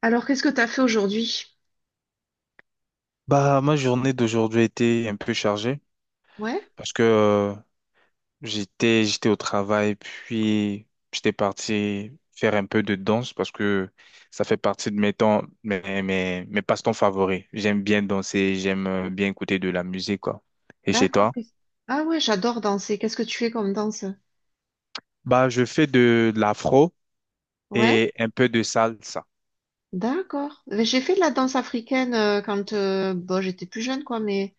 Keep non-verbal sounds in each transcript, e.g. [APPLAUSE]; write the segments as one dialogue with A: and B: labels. A: Alors, qu'est-ce que tu as fait aujourd'hui?
B: Bah, ma journée d'aujourd'hui a été un peu chargée
A: Ouais,
B: parce que j'étais au travail, puis j'étais parti faire un peu de danse parce que ça fait partie de mes temps, mes, mes, mes passe-temps favoris. J'aime bien danser, j'aime bien écouter de la musique, quoi. Et chez
A: d'accord.
B: toi?
A: Ah ouais, j'adore danser. Qu'est-ce que tu fais comme danse?
B: Bah, je fais de l'afro
A: Ouais,
B: et un peu de salsa.
A: d'accord. Mais j'ai fait de la danse africaine quand bon, j'étais plus jeune, quoi, mais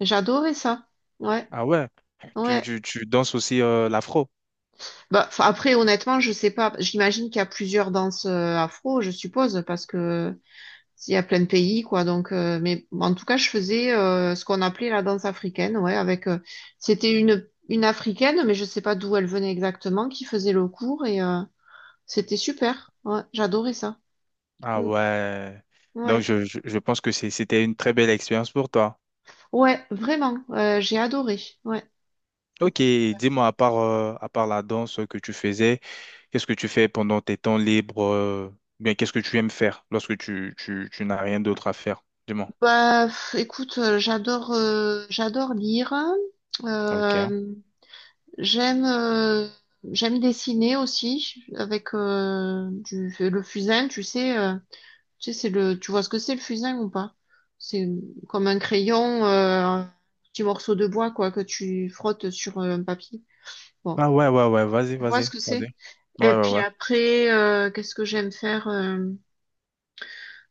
A: j'adorais ça. Ouais,
B: Ah ouais, tu,
A: ouais.
B: tu, tu danses aussi l'afro?
A: Bah, 'fin, après, honnêtement, je sais pas. J'imagine qu'il y a plusieurs danses afro, je suppose, parce que il y a plein de pays, quoi. Donc, mais en tout cas, je faisais ce qu'on appelait la danse africaine, ouais, avec c'était une africaine, mais je sais pas d'où elle venait exactement, qui faisait le cours et c'était super. Ouais, j'adorais ça.
B: Ah
A: Mm.
B: ouais. Donc,
A: Ouais.
B: je pense que c'était une très belle expérience pour toi.
A: Ouais, vraiment. J'ai adoré. Ouais.
B: Ok,
A: C'était-
B: dis-moi, à part la danse que tu faisais, qu'est-ce que tu fais pendant tes temps libres, ou bien qu'est-ce que tu aimes faire lorsque tu n'as rien d'autre à faire? Dis-moi.
A: Bah, écoute, j'adore lire.
B: Ok.
A: Euh, j'aime euh, j'aime dessiner aussi avec le fusain, tu sais, tu vois ce que c'est le fusain ou pas? C'est comme un crayon, un petit morceau de bois quoi que tu frottes sur un papier. Bon,
B: Ah ouais, ouais, ouais, vas-y,
A: je vois ce
B: vas-y,
A: que
B: vas-y.
A: c'est. Et
B: Ouais, ouais,
A: puis
B: ouais.
A: après, qu'est-ce que j'aime faire? euh,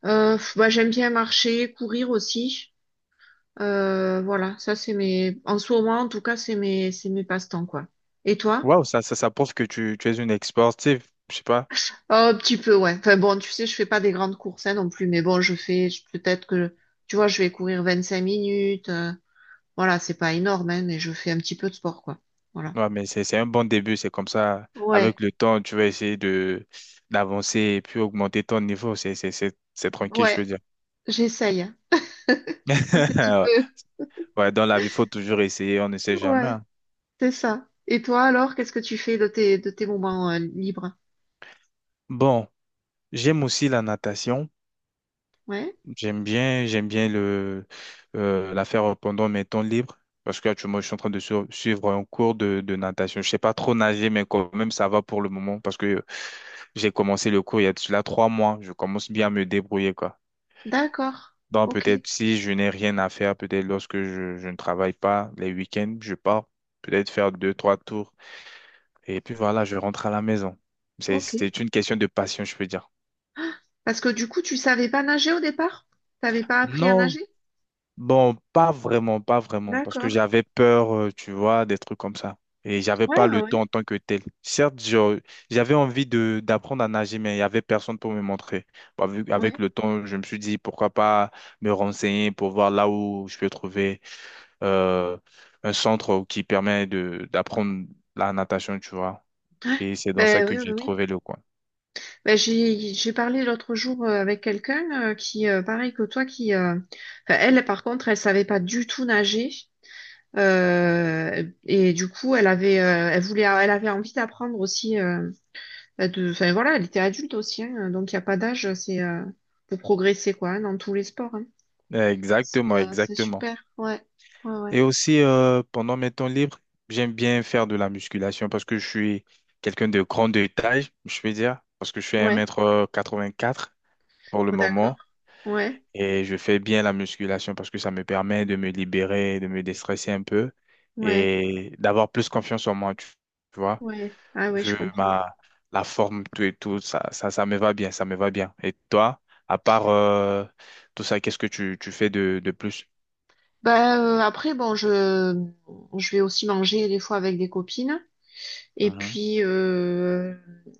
A: euh, pff, Bah, j'aime bien marcher, courir aussi. Voilà, ça c'est mes. En ce moment, en tout cas, c'est mes passe-temps, quoi. Et toi?
B: Waouh, ça prouve que tu es une ex-sportive, je sais pas.
A: Oh, un petit peu, ouais. Enfin bon, tu sais, je fais pas des grandes courses, hein, non plus, mais bon, je fais peut-être que tu vois, je vais courir 25 minutes. Voilà, c'est pas énorme, hein, mais je fais un petit peu de sport, quoi. Voilà.
B: Ouais, mais c'est un bon début, c'est comme ça. Avec
A: Ouais,
B: le temps, tu vas essayer de d'avancer et puis augmenter ton niveau. C'est tranquille, je
A: ouais,
B: veux dire.
A: j'essaye, hein. Un petit
B: [LAUGHS]
A: peu.
B: Ouais, dans la vie, il faut toujours essayer, on ne sait
A: [LAUGHS]
B: jamais,
A: Ouais.
B: hein.
A: C'est ça. Et toi alors, qu'est-ce que tu fais de tes, moments libres?
B: Bon. J'aime aussi la natation.
A: Ouais,
B: J'aime bien la faire pendant mes temps libres parce qu'actuellement, je suis en train de suivre un cours de natation. Je sais pas trop nager, mais quand même, ça va pour le moment parce que j'ai commencé le cours il y a de cela 3 mois. Je commence bien à me débrouiller, quoi.
A: d'accord.
B: Donc,
A: Ok,
B: peut-être si je n'ai rien à faire, peut-être lorsque je ne travaille pas les week-ends, je pars peut-être faire deux, trois tours et puis voilà, je rentre à la maison. C'est,
A: ok.
B: c'est une question de passion, je peux dire.
A: Parce que du coup, tu savais pas nager au départ? T'avais pas appris à
B: Non.
A: nager?
B: Bon, pas vraiment, pas vraiment, parce que
A: D'accord.
B: j'avais peur, tu vois, des trucs comme ça. Et j'avais pas
A: Ouais, ouais,
B: le temps
A: ouais.
B: en tant que tel. Certes, j'avais envie de d'apprendre à nager, mais il y avait personne pour me montrer. Bah, avec
A: Ouais.
B: le temps, je me suis dit pourquoi pas me renseigner pour voir là où je peux trouver euh, un centre qui permet de d'apprendre la natation, tu vois.
A: Ouais.
B: Et c'est dans ça
A: Ben
B: que
A: oui, oui,
B: j'ai
A: oui.
B: trouvé le coin.
A: Ben, j'ai parlé l'autre jour avec quelqu'un qui, pareil que toi, qui, enfin, elle par contre, elle savait pas du tout nager. Et du coup, elle avait envie d'apprendre aussi. Bah, enfin, voilà, elle était adulte aussi, hein, donc il n'y a pas d'âge, c'est pour progresser, quoi, hein, dans tous les sports, hein. C'est
B: Exactement,
A: euh, c'est
B: exactement.
A: super, ouais, ouais, ouais,
B: Et aussi, pendant mes temps libres, j'aime bien faire de la musculation parce que je suis quelqu'un de grande taille, je vais dire, parce que je suis un
A: ouais.
B: mètre 84 pour le
A: Oh, d'accord,
B: moment.
A: ouais,
B: Et je fais bien la musculation parce que ça me permet de me libérer, de me déstresser un peu
A: ouais,
B: et d'avoir plus confiance en moi, tu vois.
A: ouais, ah ouais, je
B: Vu
A: comprends.
B: ma, la forme, tout et tout, ça me va bien, ça me va bien. Et toi, à part tout ça, qu'est-ce que tu fais de plus?
A: Bah, après, bon, je vais aussi manger des fois avec des copines, et
B: Mhm,
A: puis, euh,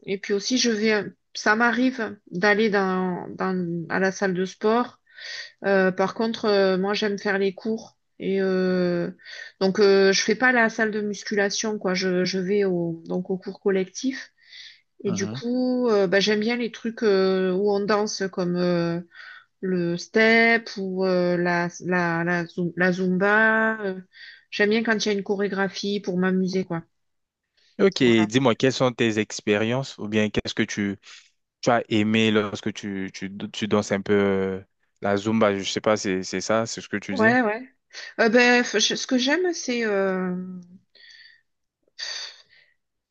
A: et puis aussi, ça m'arrive d'aller à la salle de sport. Par contre, moi, j'aime faire les cours. Et donc, je fais pas la salle de musculation, quoi. Je vais donc au cours collectif. Et du
B: mhm.
A: coup, bah, j'aime bien les trucs où on danse, comme le step ou la zumba. J'aime bien quand il y a une chorégraphie pour m'amuser, quoi.
B: Ok,
A: Voilà.
B: dis-moi, quelles sont tes expériences ou bien qu'est-ce que tu as aimé lorsque tu danses un peu la Zumba, je sais pas, c'est ça, c'est ce que tu dis?
A: Ouais, ouais. Ben, ce que j'aime, c'est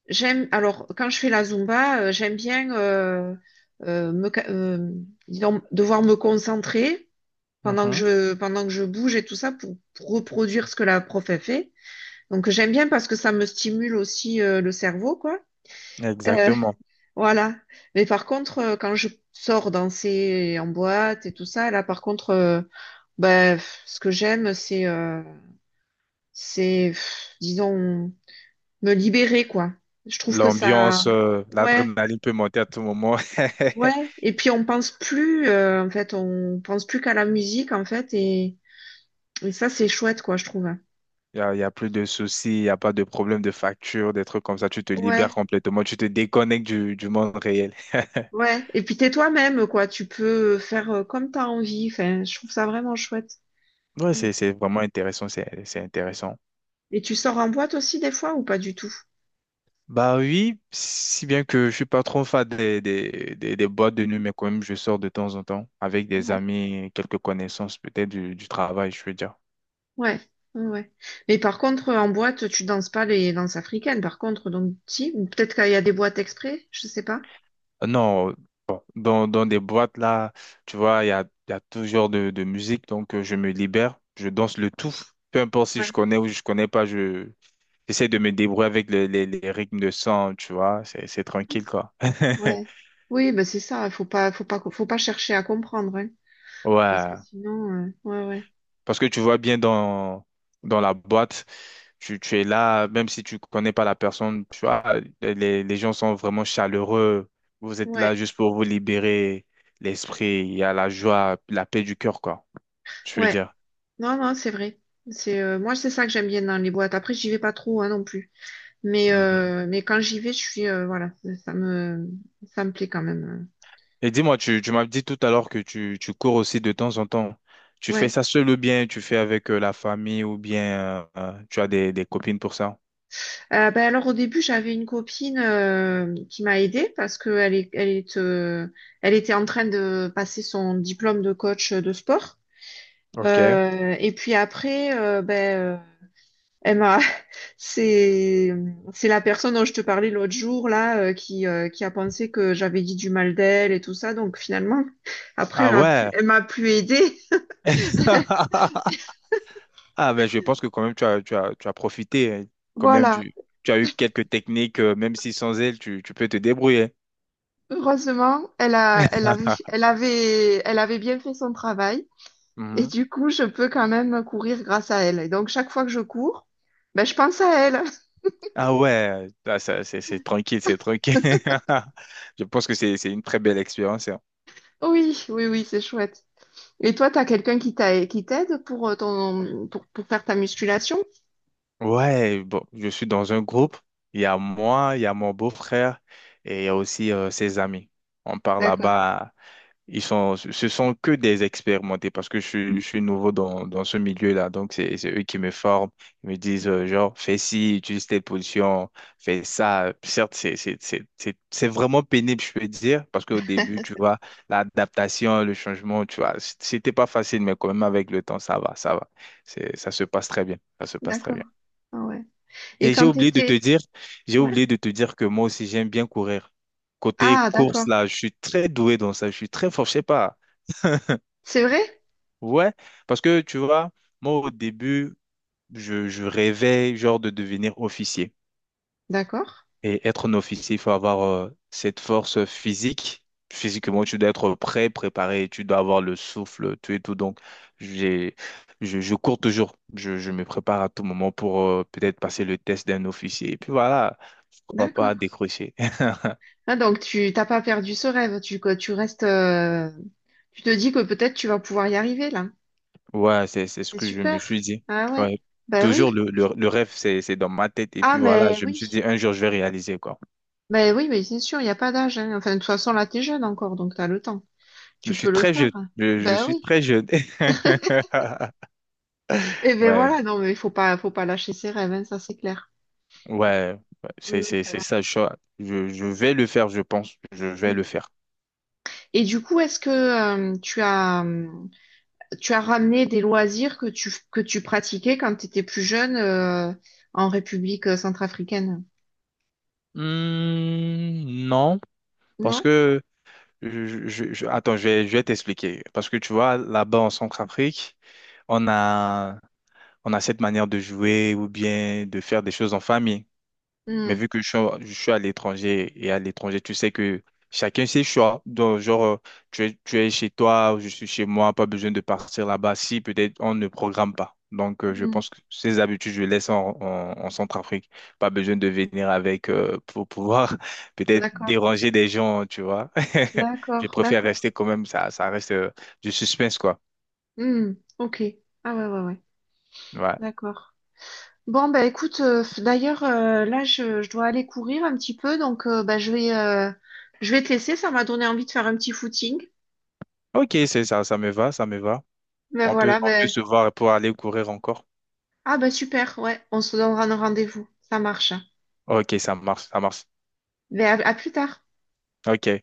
A: j'aime, alors, quand je fais la Zumba, j'aime bien euh, me, ca- euh, disons, devoir me concentrer pendant
B: Mhm.
A: pendant que je bouge et tout ça pour reproduire ce que la prof a fait. Donc, j'aime bien parce que ça me stimule aussi le cerveau, quoi. Euh,
B: Exactement.
A: voilà. Mais par contre, quand je sors danser en boîte et tout ça, là, par contre, ben, ce que j'aime, c'est, disons, me libérer, quoi. Je trouve que ça,
B: L'ambiance,
A: ouais.
B: l'adrénaline peut monter à tout moment. [LAUGHS]
A: Ouais, et puis on pense plus, en fait, on pense plus qu'à la musique, en fait, et ça, c'est chouette, quoi, je trouve.
B: Il y a plus de soucis, il n'y a pas de problème de facture, des trucs comme ça. Tu te libères
A: Ouais,
B: complètement, tu te déconnectes du monde réel. [LAUGHS]
A: ouais, et puis t'es toi-même, quoi, tu peux faire comme t'as envie, enfin, je trouve ça vraiment chouette.
B: Ouais,
A: Mm.
B: c'est vraiment intéressant, c'est intéressant.
A: Et tu sors en boîte aussi, des fois, ou pas du tout?
B: Bah oui, si bien que je suis pas trop fan des boîtes de nuit, mais quand même, je sors de temps en temps avec des
A: Ouais.
B: amis, quelques connaissances peut-être du travail, je veux dire.
A: Ouais, ouais. Ouais. Mais par contre, en boîte, tu danses pas les danses africaines, par contre, donc, si, ou peut-être qu'il y a des boîtes exprès, je sais pas.
B: Non, dans des boîtes là, tu vois, il y a tout genre de musique, donc je me libère, je danse le tout, peu importe si
A: Ouais.
B: je connais ou je connais pas, je j'essaie de me débrouiller avec les rythmes de sang, tu vois, c'est tranquille quoi. [LAUGHS]
A: Ouais. Oui, ben c'est ça, faut pas, faut pas, faut pas chercher à comprendre, hein, parce que
B: Ouais.
A: sinon, ouais, ouais.
B: Parce que tu vois bien dans la boîte, tu es là, même si tu connais pas la personne, tu vois, les gens sont vraiment chaleureux. Vous êtes
A: Ouais,
B: là juste pour vous libérer l'esprit. Il y a la joie, la paix du cœur, quoi. Je veux
A: ouais.
B: dire.
A: Non, non, c'est vrai. C'est Moi, c'est ça que j'aime bien dans les boîtes. Après, j'y vais pas trop, hein, non plus. Mais
B: Mhm.
A: euh, mais quand j'y vais, je suis voilà, ça me ça me plaît quand même.
B: Et dis-moi, tu m'as dit tout à l'heure que tu cours aussi de temps en temps. Tu fais
A: Ouais.
B: ça seul ou bien tu fais avec la famille ou bien tu as des copines pour ça?
A: Ben alors au début, j'avais une copine qui m'a aidée parce que elle était en train de passer son diplôme de coach de sport.
B: Ok.
A: Et puis après, ben elle m'a [LAUGHS] C'est c'est la personne dont je te parlais l'autre jour là qui a pensé que j'avais dit du mal d'elle et tout ça. Donc finalement, après
B: Ah
A: elle a pu
B: ouais.
A: elle m'a plus aidée.
B: [LAUGHS] Ah, ben je pense que quand même tu as profité, hein. Quand même,
A: Voilà.
B: tu as eu quelques techniques, même si sans elles, tu peux te débrouiller.
A: Heureusement, elle a elle avait elle
B: [LAUGHS]
A: avait elle avait bien fait son travail et
B: Mhm.
A: du coup, je peux quand même courir grâce à elle. Et donc chaque fois que je cours, ben je pense à elle. [LAUGHS]
B: Ah ouais, ah, ça, c'est tranquille, c'est tranquille. [LAUGHS] Je pense que c'est une très belle expérience, hein.
A: Oui, oui, oui, c'est chouette. Et toi, t'as quelqu'un qui t'aide pour ton pour faire ta musculation?
B: Ouais, bon, je suis dans un groupe. Il y a moi, il y a mon beau-frère et il y a aussi ses amis. On part
A: D'accord,
B: là-bas. Ce sont que des expérimentés parce que je suis nouveau dans ce milieu-là. Donc, c'est eux qui me forment. Ils me disent, genre, fais ci, utilise telle position, fais ça. Certes, c'est vraiment pénible, je peux dire, parce qu'au début, tu vois, l'adaptation, le changement, tu vois, c'était pas facile, mais quand même, avec le temps, ça va, ça va. Ça se passe très bien. Ça se passe très
A: d'accord.
B: bien.
A: Ah ouais. Et
B: Et j'ai
A: quand
B: oublié de te
A: t'étais.
B: dire, j'ai
A: Ouais.
B: oublié de te dire que moi aussi, j'aime bien courir. Côté
A: Ah,
B: course,
A: d'accord.
B: là, je suis très doué dans ça. Je suis très fort, je sais pas.
A: C'est vrai?
B: Ouais, parce que tu vois, moi au début, je rêvais genre de devenir officier.
A: D'accord.
B: Et être un officier, il faut avoir cette force physique. Physiquement,
A: Mm.
B: tu dois être prêt, préparé, tu dois avoir le souffle, tout et tout. Donc, j'ai, je cours toujours. Je me prépare à tout moment pour peut-être passer le test d'un officier. Et puis voilà, pourquoi pas
A: D'accord.
B: décrocher.
A: Ah, donc tu t'as pas perdu ce rêve. Tu, quoi, tu restes. Tu te dis que peut-être tu vas pouvoir y arriver là.
B: [LAUGHS] Ouais, c'est ce
A: C'est
B: que je me suis
A: super.
B: dit.
A: Ah ouais.
B: Ouais.
A: Ben oui.
B: Toujours le rêve, c'est dans ma tête. Et
A: Ah
B: puis voilà,
A: mais
B: je me suis
A: oui.
B: dit, un jour, je vais réaliser, quoi.
A: Ben oui, mais c'est sûr, il n'y a pas d'âge, hein. Enfin, de toute façon, là, t'es jeune encore, donc t'as le temps.
B: Je
A: Tu peux
B: suis
A: le
B: très
A: faire.
B: jeune. Je
A: Ben
B: suis
A: oui.
B: très jeune. [LAUGHS]
A: Et ben
B: Ouais,
A: voilà, non, mais il faut pas lâcher ses rêves, hein, ça c'est clair.
B: ouais, ouais. C'est,
A: Oui, oui,
B: c'est,
A: t'as
B: c'est ça.
A: l'âge.
B: Je vais le faire, je pense. Je vais
A: Mm.
B: le faire.
A: Et du coup, est-ce que tu as ramené des loisirs que tu pratiquais quand tu étais plus jeune en République centrafricaine,
B: Hmm, non, parce
A: non?
B: que attends, je vais t'expliquer. Parce que tu vois, là-bas en Centrafrique, on a, on a cette manière de jouer ou bien de faire des choses en famille. Mais
A: Hmm,
B: vu que je suis à l'étranger et à l'étranger, tu sais que chacun ses choix. Donc, genre, tu es chez toi, je suis chez moi, pas besoin de partir là-bas. Si peut-être on ne programme pas. Donc, je
A: hmm,
B: pense que ces habitudes, je laisse en Centrafrique. Pas besoin de venir avec pour pouvoir [LAUGHS] peut-être
A: d'accord,
B: déranger des gens, tu vois. [LAUGHS] Je
A: d'accord,
B: préfère rester
A: d'accord.
B: quand même, ça reste du suspense, quoi.
A: Hmm, ok. Ah ouais, ouais, ouais.
B: Ouais.
A: D'accord. Bon, bah écoute, d'ailleurs, là, je dois aller courir un petit peu, donc bah, je vais te laisser, ça m'a donné envie de faire un petit footing.
B: Ok, c'est ça, ça me va, ça me va.
A: Ben
B: On peut,
A: voilà,
B: on peut
A: ben.
B: se voir pour aller courir encore.
A: Ah ben super, ouais, on se donnera un rendez-vous, ça marche.
B: Ok, ça marche, ça marche.
A: Ben à plus tard.
B: Ok.